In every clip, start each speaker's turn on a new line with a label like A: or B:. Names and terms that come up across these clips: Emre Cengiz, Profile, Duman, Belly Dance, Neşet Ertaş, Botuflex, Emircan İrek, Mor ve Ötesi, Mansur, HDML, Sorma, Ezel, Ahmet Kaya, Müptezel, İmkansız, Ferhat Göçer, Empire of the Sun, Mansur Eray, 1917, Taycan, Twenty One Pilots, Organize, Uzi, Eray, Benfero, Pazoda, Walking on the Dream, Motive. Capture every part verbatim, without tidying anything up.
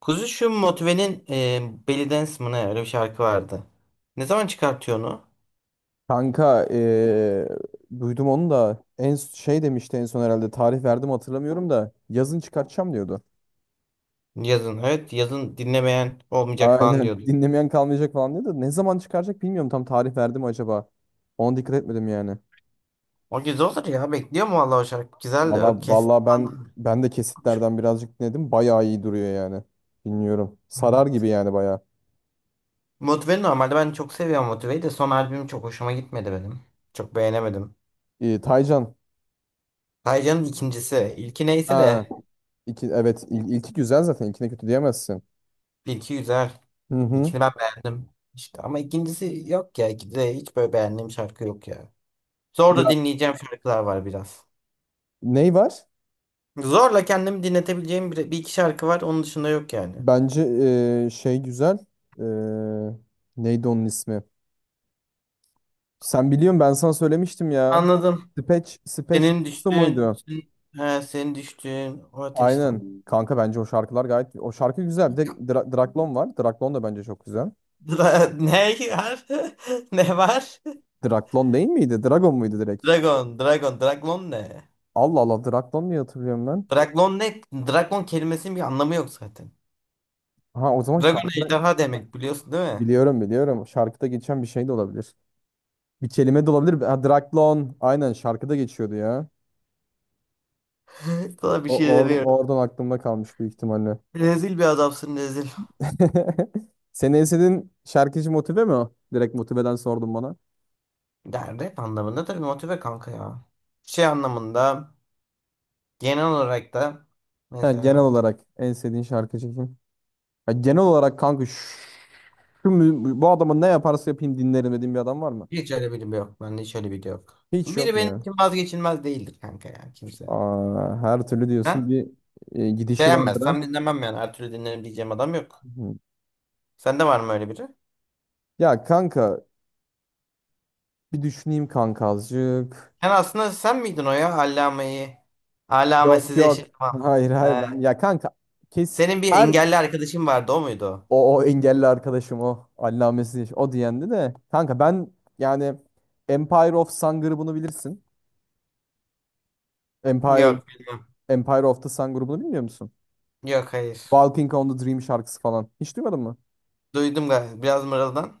A: Kuzu, şu Motive'nin e, Belly Dance mı ne öyle bir şarkı vardı. Ne zaman çıkartıyor onu?
B: Kanka eee, duydum onu da en şey demişti en son herhalde tarih verdim hatırlamıyorum da yazın çıkartacağım diyordu.
A: Yazın. Evet, yazın dinlemeyen olmayacak falan
B: Aynen
A: diyordu.
B: dinlemeyen kalmayacak falan diyordu. Ne zaman çıkaracak bilmiyorum tam tarih verdi mi acaba? Ona dikkat etmedim yani.
A: O güzel olur ya. Bekliyorum vallahi o şarkı. Güzel de
B: Valla
A: o
B: valla
A: kesti
B: ben
A: falan.
B: ben de kesitlerden birazcık dinledim. Bayağı iyi duruyor yani. Bilmiyorum. Sarar gibi yani bayağı.
A: Motive'nin normalde ben çok seviyorum, Motive'yi de son albüm çok hoşuma gitmedi benim. Çok beğenemedim.
B: Ee, Taycan.
A: Taycan'ın ikincisi. İlki neyse
B: Ha,
A: de
B: iki, evet il- ilki güzel, zaten ilkine kötü diyemezsin.
A: ilki güzel.
B: Hı hı.
A: İlkini ben beğendim. İşte ama ikincisi yok ya. İkide hiç böyle beğendiğim şarkı yok ya. Zor da
B: Ya
A: dinleyeceğim şarkılar var biraz.
B: ney var?
A: Zorla kendimi dinletebileceğim bir, bir iki şarkı var. Onun dışında yok yani.
B: Bence eee, şey güzel. Eee, Neydi onun ismi? Sen biliyorsun, ben sana söylemiştim ya.
A: Anladım.
B: Speech, Speech
A: Senin
B: Tattoo
A: düştüğün,
B: muydu?
A: senin, he, senin düştüğün o ateşten.
B: Aynen. Kanka bence o şarkılar gayet... O şarkı güzel. Bir de
A: Yok.
B: Dra- Draklon var. Draklon da bence çok güzel.
A: Dra- ne var? Ne var?
B: Draklon değil miydi? Dragon muydu direkt?
A: Dragon, Dragon, Dragon ne?
B: Allah Allah, Draklon diye hatırlıyorum ben.
A: Dragon ne? Dragon kelimesinin bir anlamı yok zaten.
B: Ha, o zaman
A: Dragon
B: şarkıda...
A: ejderha demek, biliyorsun değil mi?
B: Biliyorum biliyorum. Şarkıda geçen bir şey de olabilir. Bir kelime de olabilir. Ha, Draklon. Aynen, şarkıda geçiyordu ya.
A: Sana bir
B: O,
A: şey
B: or
A: veriyorum.
B: oradan aklımda kalmış büyük ihtimalle.
A: Rezil bir adamsın, rezil.
B: Senin en sevdiğin şarkıcı Motive mi o? Direkt Motive'den sordum bana.
A: Yani rap anlamında tabii, Motive kanka ya. Şey anlamında, genel olarak da,
B: Ha, genel
A: mesela.
B: olarak en sevdiğin şarkıcı kim? Ya genel olarak kanka şu, şu mü- bu adamın ne yaparsa yapayım dinlerim dediğin bir adam var mı?
A: Hiç öyle biri yok. Bende hiç öyle biri yok.
B: Hiç
A: Biri
B: yok mu
A: benim
B: ya?
A: için vazgeçilmez değildir kanka ya, kimse.
B: Aa, her türlü diyorsun,
A: Ha?
B: bir e, gidişi vardır
A: Beğenmezsem
B: ha.
A: dinlemem yani. Her türlü dinlerim diyeceğim adam yok.
B: Hı.
A: Sende var mı öyle biri?
B: Ya kanka bir düşüneyim kanka azıcık.
A: Yani aslında sen miydin o ya? Allame'yi.
B: Yok,
A: Allamesiz
B: yok.
A: yaşatmam.
B: Hayır, hayır,
A: He.
B: ben ya kanka kes
A: Senin bir
B: her.
A: engelli arkadaşın vardı, o muydu o?
B: O, o engelli arkadaşım o. Allamesi o diyendi de. Kanka ben yani Empire of Sun grubunu bilirsin. Empire
A: Yok, bilmem.
B: Empire of the Sun grubunu bilmiyor musun?
A: Yok, hayır.
B: Walking on the Dream şarkısı falan. Hiç duymadın mı?
A: Duydum galiba biraz, mırıldan.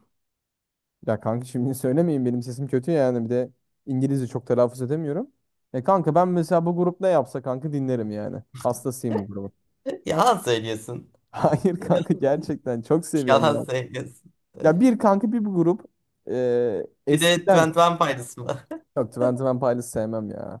B: Ya kanka şimdi söylemeyin, benim sesim kötü yani, bir de İngilizce çok telaffuz edemiyorum. E kanka ben mesela bu grup ne yapsa kanka dinlerim yani. Hastasıyım bu grubun.
A: Yalan söylüyorsun.
B: Hayır kanka, gerçekten çok seviyorum
A: Yalan
B: ya.
A: söylüyorsun.
B: Ya bir kanka bir bu grup e,
A: Bir de
B: eskiden.
A: Twenty One Pilots mı?
B: Yok, Twenty One Pilots sevmem ya.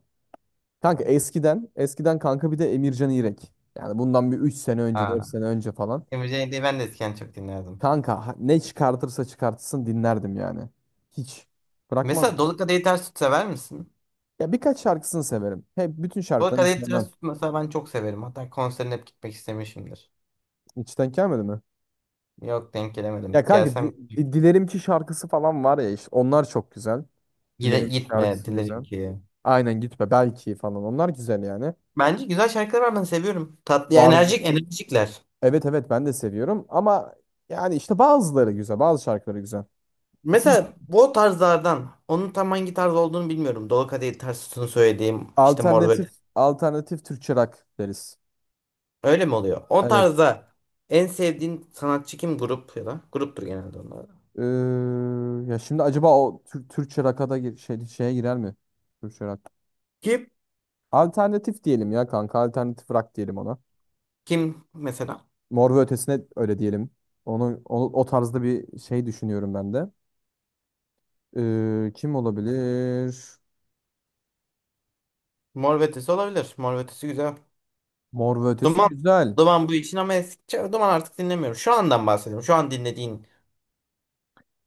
B: Kanka eskiden, eskiden kanka bir de Emircan İrek. Yani bundan bir üç sene önce, dört
A: Ha.
B: sene önce falan.
A: Emre Cengiz'i ben de eskiden çok dinlerdim.
B: Kanka ha- ne çıkartırsa çıkartsın dinlerdim yani. Hiç
A: Mesela
B: bırakmadım.
A: Dolu Kadehi Ters Tut sever misin?
B: Ya birkaç şarkısını severim. Hep bütün
A: Dolu
B: şarkılarını
A: Kadehi
B: sevmem.
A: Ters Tut mesela ben çok severim. Hatta konserine hep gitmek istemişimdir.
B: İçten gelmedi mi?
A: Yok, denk
B: Ya
A: gelemedim.
B: kanka
A: Gelsem
B: di- di- Dilerim ki şarkısı falan var ya, işte onlar çok güzel.
A: gide,
B: Dilerim ki
A: gitme
B: şarkısı
A: dilerim
B: güzel.
A: ki.
B: Aynen, gitme belki falan, onlar güzel yani.
A: Bence güzel şarkılar var, ben seviyorum. Tatlı ya,
B: Var.
A: enerjik enerjikler.
B: Evet, evet, ben de seviyorum ama yani işte bazıları güzel, bazı şarkıları güzel. Çünkü
A: Mesela bu o tarzlardan, onun tam hangi tarz olduğunu bilmiyorum. Dolu Kadehi Ters Tut'un söylediğim işte, Mor ve.
B: Alternatif alternatif Türkçe rock deriz.
A: Öyle mi oluyor? O
B: Evet.
A: tarzda en sevdiğin sanatçı kim? Grup ya da gruptur genelde onlar da.
B: Ee, Ya şimdi acaba o Tür- Türkçe rock'a da gir- şey, şeye girer mi? Türkçe rock.
A: Kim?
B: Alternatif diyelim ya kanka. Alternatif rock diyelim ona.
A: Kim mesela?
B: Mor ve Ötesi'ne öyle diyelim. Onu, o, o tarzda bir şey düşünüyorum ben de. Ee, kim olabilir?
A: Mor ve Ötesi olabilir. Mor ve Ötesi güzel.
B: Mor ve Ötesi
A: Duman,
B: güzel.
A: Duman bu için, ama eskiden Duman, artık dinlemiyorum. Şu andan bahsediyorum. Şu an dinlediğin.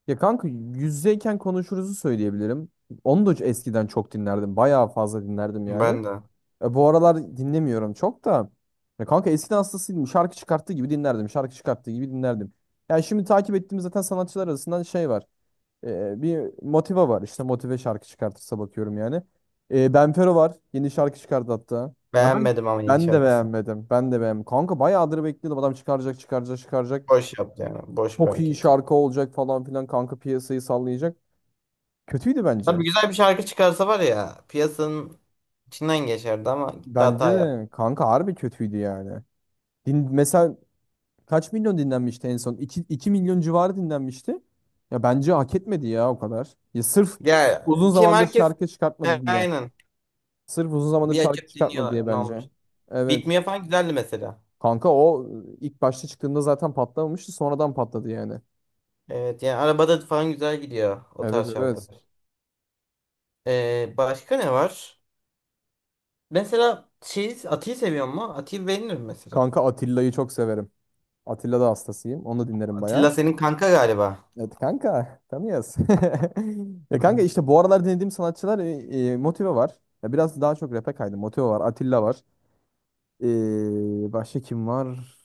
B: Ya kanka yüzdeyken konuşuruzu söyleyebilirim. Onu da eskiden çok dinlerdim. Bayağı fazla dinlerdim yani.
A: Ben de.
B: E, bu aralar dinlemiyorum çok da. Ya kanka eskiden hastasıydım. Şarkı çıkarttığı gibi dinlerdim. Şarkı çıkarttığı gibi dinlerdim. Yani şimdi takip ettiğimiz zaten sanatçılar arasından şey var. E, bir Motiva var. İşte Motive şarkı çıkartırsa bakıyorum yani. E, Benfero var. Yeni şarkı çıkardı hatta. Ya ben
A: Beğenmedim ama yeni
B: ben de
A: şarkısını.
B: beğenmedim. Ben de beğenmedim. Kanka bayağıdır bekliyordum. Adam çıkaracak, çıkaracak, çıkaracak.
A: Boş yaptı yani. Boş bir
B: Çok iyi
A: hareketi.
B: şarkı olacak falan filan. Kanka piyasayı sallayacak. Kötüydü bence.
A: Tabii güzel bir şarkı çıkarsa var ya, piyasanın içinden geçerdi ama gitti hata
B: Bence
A: yap.
B: de kanka harbi kötüydü yani. Din, mesela kaç milyon dinlenmişti en son? İki iki milyon civarı dinlenmişti. Ya bence hak etmedi ya o kadar. Ya sırf
A: Ya
B: uzun
A: kim,
B: zamandır
A: herkes
B: şarkı çıkartmadı diye.
A: aynen.
B: Sırf uzun zamandır
A: Bir
B: şarkı
A: açıp
B: çıkartmadı
A: dinliyorlar.
B: diye,
A: Ne
B: bence.
A: olmuş?
B: Evet.
A: Bitmiyor falan güzeldi mesela.
B: Kanka o ilk başta çıktığında zaten patlamamıştı. Sonradan patladı yani.
A: Evet yani arabada falan güzel gidiyor o
B: Evet,
A: tarz
B: evet.
A: şarkılar. Ee, başka ne var? Mesela şey, Ati'yi seviyor mu? Ati'yi beğenirim mesela.
B: Kanka Atilla'yı çok severim. Atilla da hastasıyım. Onu da dinlerim bayağı.
A: Atilla senin kanka galiba.
B: Evet kanka, tanıyoruz. Ya kanka işte bu aralar dinlediğim sanatçılar e, e, Motive var. Ya biraz daha çok rap'e kaydım. Motive var, Atilla var. Ee, başka kim var?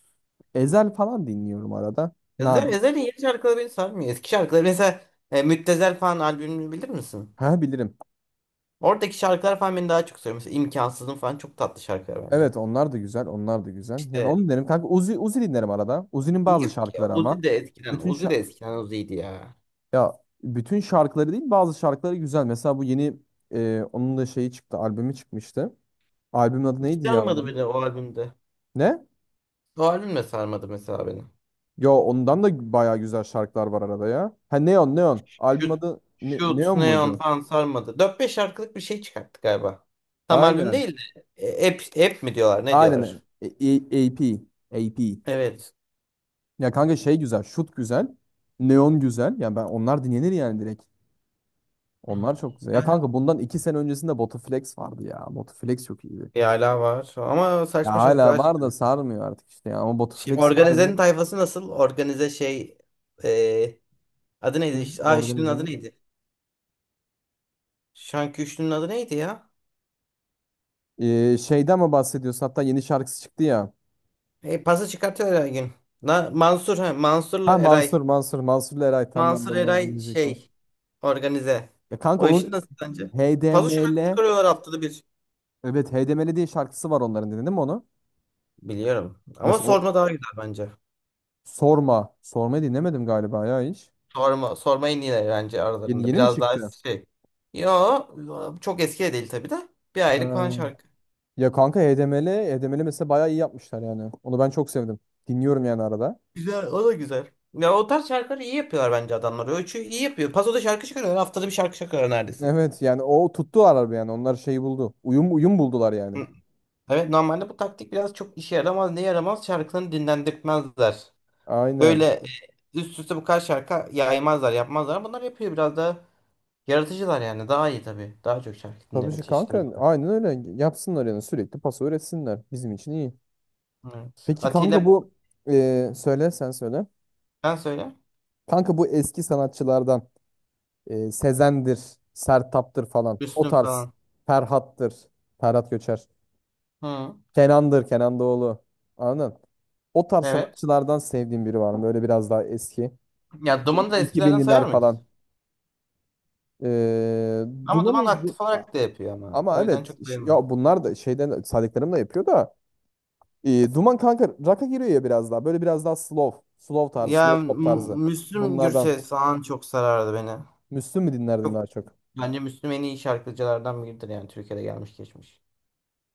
B: Ezel falan dinliyorum arada.
A: Yazar
B: Nadir.
A: yazarın yeni şarkıları beni sarmıyor. Eski şarkıları mesela, e, Müptezel falan albümünü bilir misin?
B: Ha, bilirim.
A: Oradaki şarkılar falan beni daha çok sarıyor. Mesela İmkansızın falan, çok tatlı şarkılar bence.
B: Evet onlar da güzel. Onlar da güzel. Yani
A: İşte
B: onu dinlerim. Kanka Uzi, Uzi dinlerim arada. Uzi'nin bazı
A: yok ki.
B: şarkıları ama.
A: Uzi de eskiden.
B: Bütün
A: Uzi
B: şa-
A: de eskiden Uzi'ydi ya.
B: ya bütün şarkıları değil, bazı şarkıları güzel. Mesela bu yeni e, onun da şeyi çıktı. Albümü çıkmıştı. Albümün adı
A: Hiç
B: neydi ya
A: sarmadı
B: onun?
A: beni o albümde.
B: Ne?
A: O albüm de sarmadı mesela beni.
B: Yo, ondan da bayağı güzel şarkılar var arada ya. Ha, Neon Neon. Albüm
A: Shoot,
B: adı Ne-
A: Shoot,
B: Neon
A: Neon
B: muydu?
A: falan sarmadı. Dört beş şarkılık bir şey çıkarttı galiba. Tam albüm
B: Aynen.
A: değil de. E, App, app mi diyorlar, ne diyorlar?
B: Aynen. E- e- A P. A P.
A: Evet.
B: Ya kanka şey güzel, şut güzel, neon güzel. Yani ben onlar dinlenir yani direkt. Onlar çok güzel. Ya kanka bundan iki sene öncesinde Botuflex vardı ya. Botuflex çok iyiydi.
A: Bir hala var. Ama
B: Ya
A: saçma
B: hala
A: şarkılar
B: var da
A: çıkıyor.
B: sarmıyor artık işte ya. Ama
A: Şimdi
B: Botuflex harbi.
A: Organize'nin tayfası nasıl? Organize şey, e, adı neydi?
B: Kim
A: İşte- Aa, üçlünün adı
B: organizenin?
A: neydi? Şanki üçlünün adı neydi ya?
B: Ee, şeyden mi bahsediyorsun? Hatta yeni şarkısı çıktı ya.
A: E, pası çıkartıyor her gün. Na, Mansur ha,
B: Ha,
A: Mansur'la
B: Mansur,
A: Eray.
B: Mansur, Mansur'la Eray. Tam ben de
A: Mansur
B: ondan
A: Eray
B: anlayacaktım.
A: şey, organize.
B: Ya kanka
A: O işi
B: onun
A: nasıl sence? Paso şarkı
B: H D M L,
A: çıkarıyorlar haftada bir.
B: evet H D M L diye şarkısı var onların. Dinledin mi onu?
A: Biliyorum. Ama
B: Mesela o
A: sorma daha güzel bence.
B: Sorma. Sormayı dinlemedim galiba ya hiç.
A: Sorma, sorma en iyileri bence
B: Yeni,
A: aralarında.
B: yeni mi
A: Biraz daha
B: çıktı?
A: şey. Yo, çok eski de değil tabii de. Bir aylık falan
B: Ha.
A: şarkı.
B: Ya kanka H D M L, H D M L mesela bayağı iyi yapmışlar yani. Onu ben çok sevdim. Dinliyorum yani arada.
A: Güzel, o da güzel. Ya o tarz şarkıları iyi yapıyorlar bence adamlar. Ölçü iyi yapıyor. Pazoda şarkı çıkarıyorlar. Haftada bir şarkı çıkarıyor neredeyse.
B: Evet yani o tuttular araba yani. Onlar şeyi buldu. Uyum uyum buldular yani.
A: Hı. Evet, normalde bu taktik biraz çok işe yaramaz. Ne yaramaz? Şarkılarını dinlendirtmezler. Böyle
B: Aynen.
A: e, üst üste bu kadar şarkı yaymazlar, yapmazlar. ama Bunlar yapıyor, biraz daha yaratıcılar yani. Daha iyi tabii. Daha çok şarkı
B: Tabii
A: dinleme
B: ki
A: çeşitimiz
B: kanka,
A: oluyor.
B: aynen öyle. Yapsınlar yani, sürekli pası üretsinler. Bizim için iyi.
A: Evet.
B: Peki kanka
A: Atilla,
B: bu e, söyle, sen söyle.
A: ben söyle.
B: Kanka bu eski sanatçılardan e, Sezen'dir, Sertab'dır falan. O
A: Üstün
B: tarz.
A: falan.
B: Ferhat'tır. Ferhat Göçer.
A: Hı.
B: Kenan'dır, Kenan Doğulu. Anladın? O tarz
A: Evet.
B: sanatçılardan sevdiğim biri var mı? Böyle biraz daha eski.
A: Ya
B: iki bin
A: Duman'ı da eskilerden sayar
B: iki binliler
A: mıyız?
B: falan. Ee,
A: Ama
B: Duman'ı
A: Duman
B: Du-
A: aktif
B: A-
A: olarak da yapıyor ama.
B: Ama
A: O yüzden çok
B: evet ş-
A: sayılmaz.
B: ya bunlar da şeyden saydıklarım da yapıyor da e, Duman kanka rock'a giriyor ya biraz daha. Böyle biraz daha slow. Slow tarzı, slow
A: Yani
B: pop
A: M-
B: tarzı.
A: Müslüm
B: Bunlardan.
A: Gürses falan çok sarardı beni.
B: Müslüm mü dinlerdin
A: Çok,
B: daha çok?
A: bence Müslüm en iyi şarkıcılardan biridir yani Türkiye'de gelmiş geçmiş.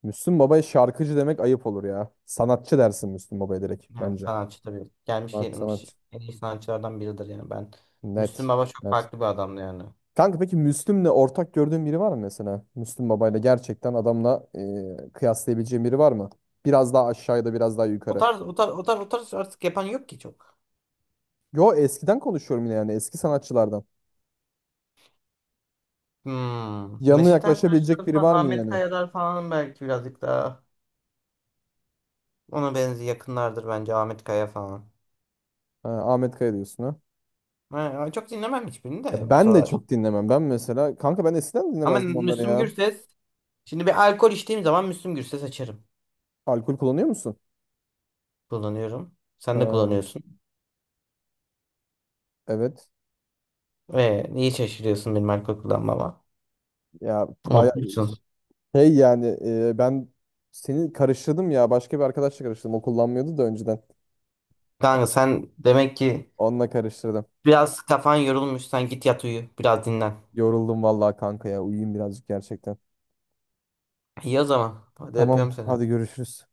B: Müslüm Baba'ya şarkıcı demek ayıp olur ya. Sanatçı dersin Müslüm Baba'ya direkt
A: Yani
B: bence.
A: sanatçı tabii. Gelmiş
B: Sanat-
A: gelmiş
B: Sanatçı.
A: en iyi sanatçılardan biridir yani ben. Müslüm
B: Net.
A: Baba çok
B: Net.
A: farklı bir adamdı yani.
B: Kanka peki Müslüm'le ortak gördüğün biri var mı mesela? Müslüm Baba'yla gerçekten adamla e, kıyaslayabileceğin biri var mı? Biraz daha aşağıda, biraz daha
A: O
B: yukarı.
A: tarz, o tarz, o tarz, o tarz artık yapan yok ki çok.
B: Yo, eskiden konuşuyorum yine yani, eski sanatçılardan.
A: Hmm.
B: Yanına
A: Neşet
B: yaklaşabilecek
A: Ertaş'lar
B: biri
A: falan,
B: var mı
A: Ahmet
B: yani?
A: Kaya'lar falan belki birazcık daha ona benzi, yakınlardır bence Ahmet Kaya falan.
B: Ha, Ahmet Kaya diyorsun ha.
A: Ha, çok dinlemem hiçbirini
B: Ya
A: de bu
B: ben de
A: sıralar.
B: çok dinlemem. Ben mesela kanka, ben eskiden
A: Ama
B: dinlemezdim onları
A: Müslüm
B: ya.
A: Gürses, şimdi bir alkol içtiğim zaman Müslüm Gürses açarım.
B: Alkol kullanıyor musun?
A: Kullanıyorum. Sen de
B: Ha,
A: kullanıyorsun.
B: evet.
A: Ve niye şaşırıyorsun benim alkol kullanmama?
B: Ya baya
A: Unutmuşsun.
B: şey yani e, ben seni karıştırdım ya. Başka bir arkadaşla karıştırdım. O kullanmıyordu da önceden.
A: Kanka sen demek ki
B: Onunla karıştırdım.
A: biraz kafan yorulmuş. Sen git yat, uyu. Biraz dinlen.
B: Yoruldum vallahi kanka ya. Uyuyayım birazcık gerçekten.
A: İyi o zaman. Hadi, öpüyorum
B: Tamam,
A: seni.
B: hadi görüşürüz.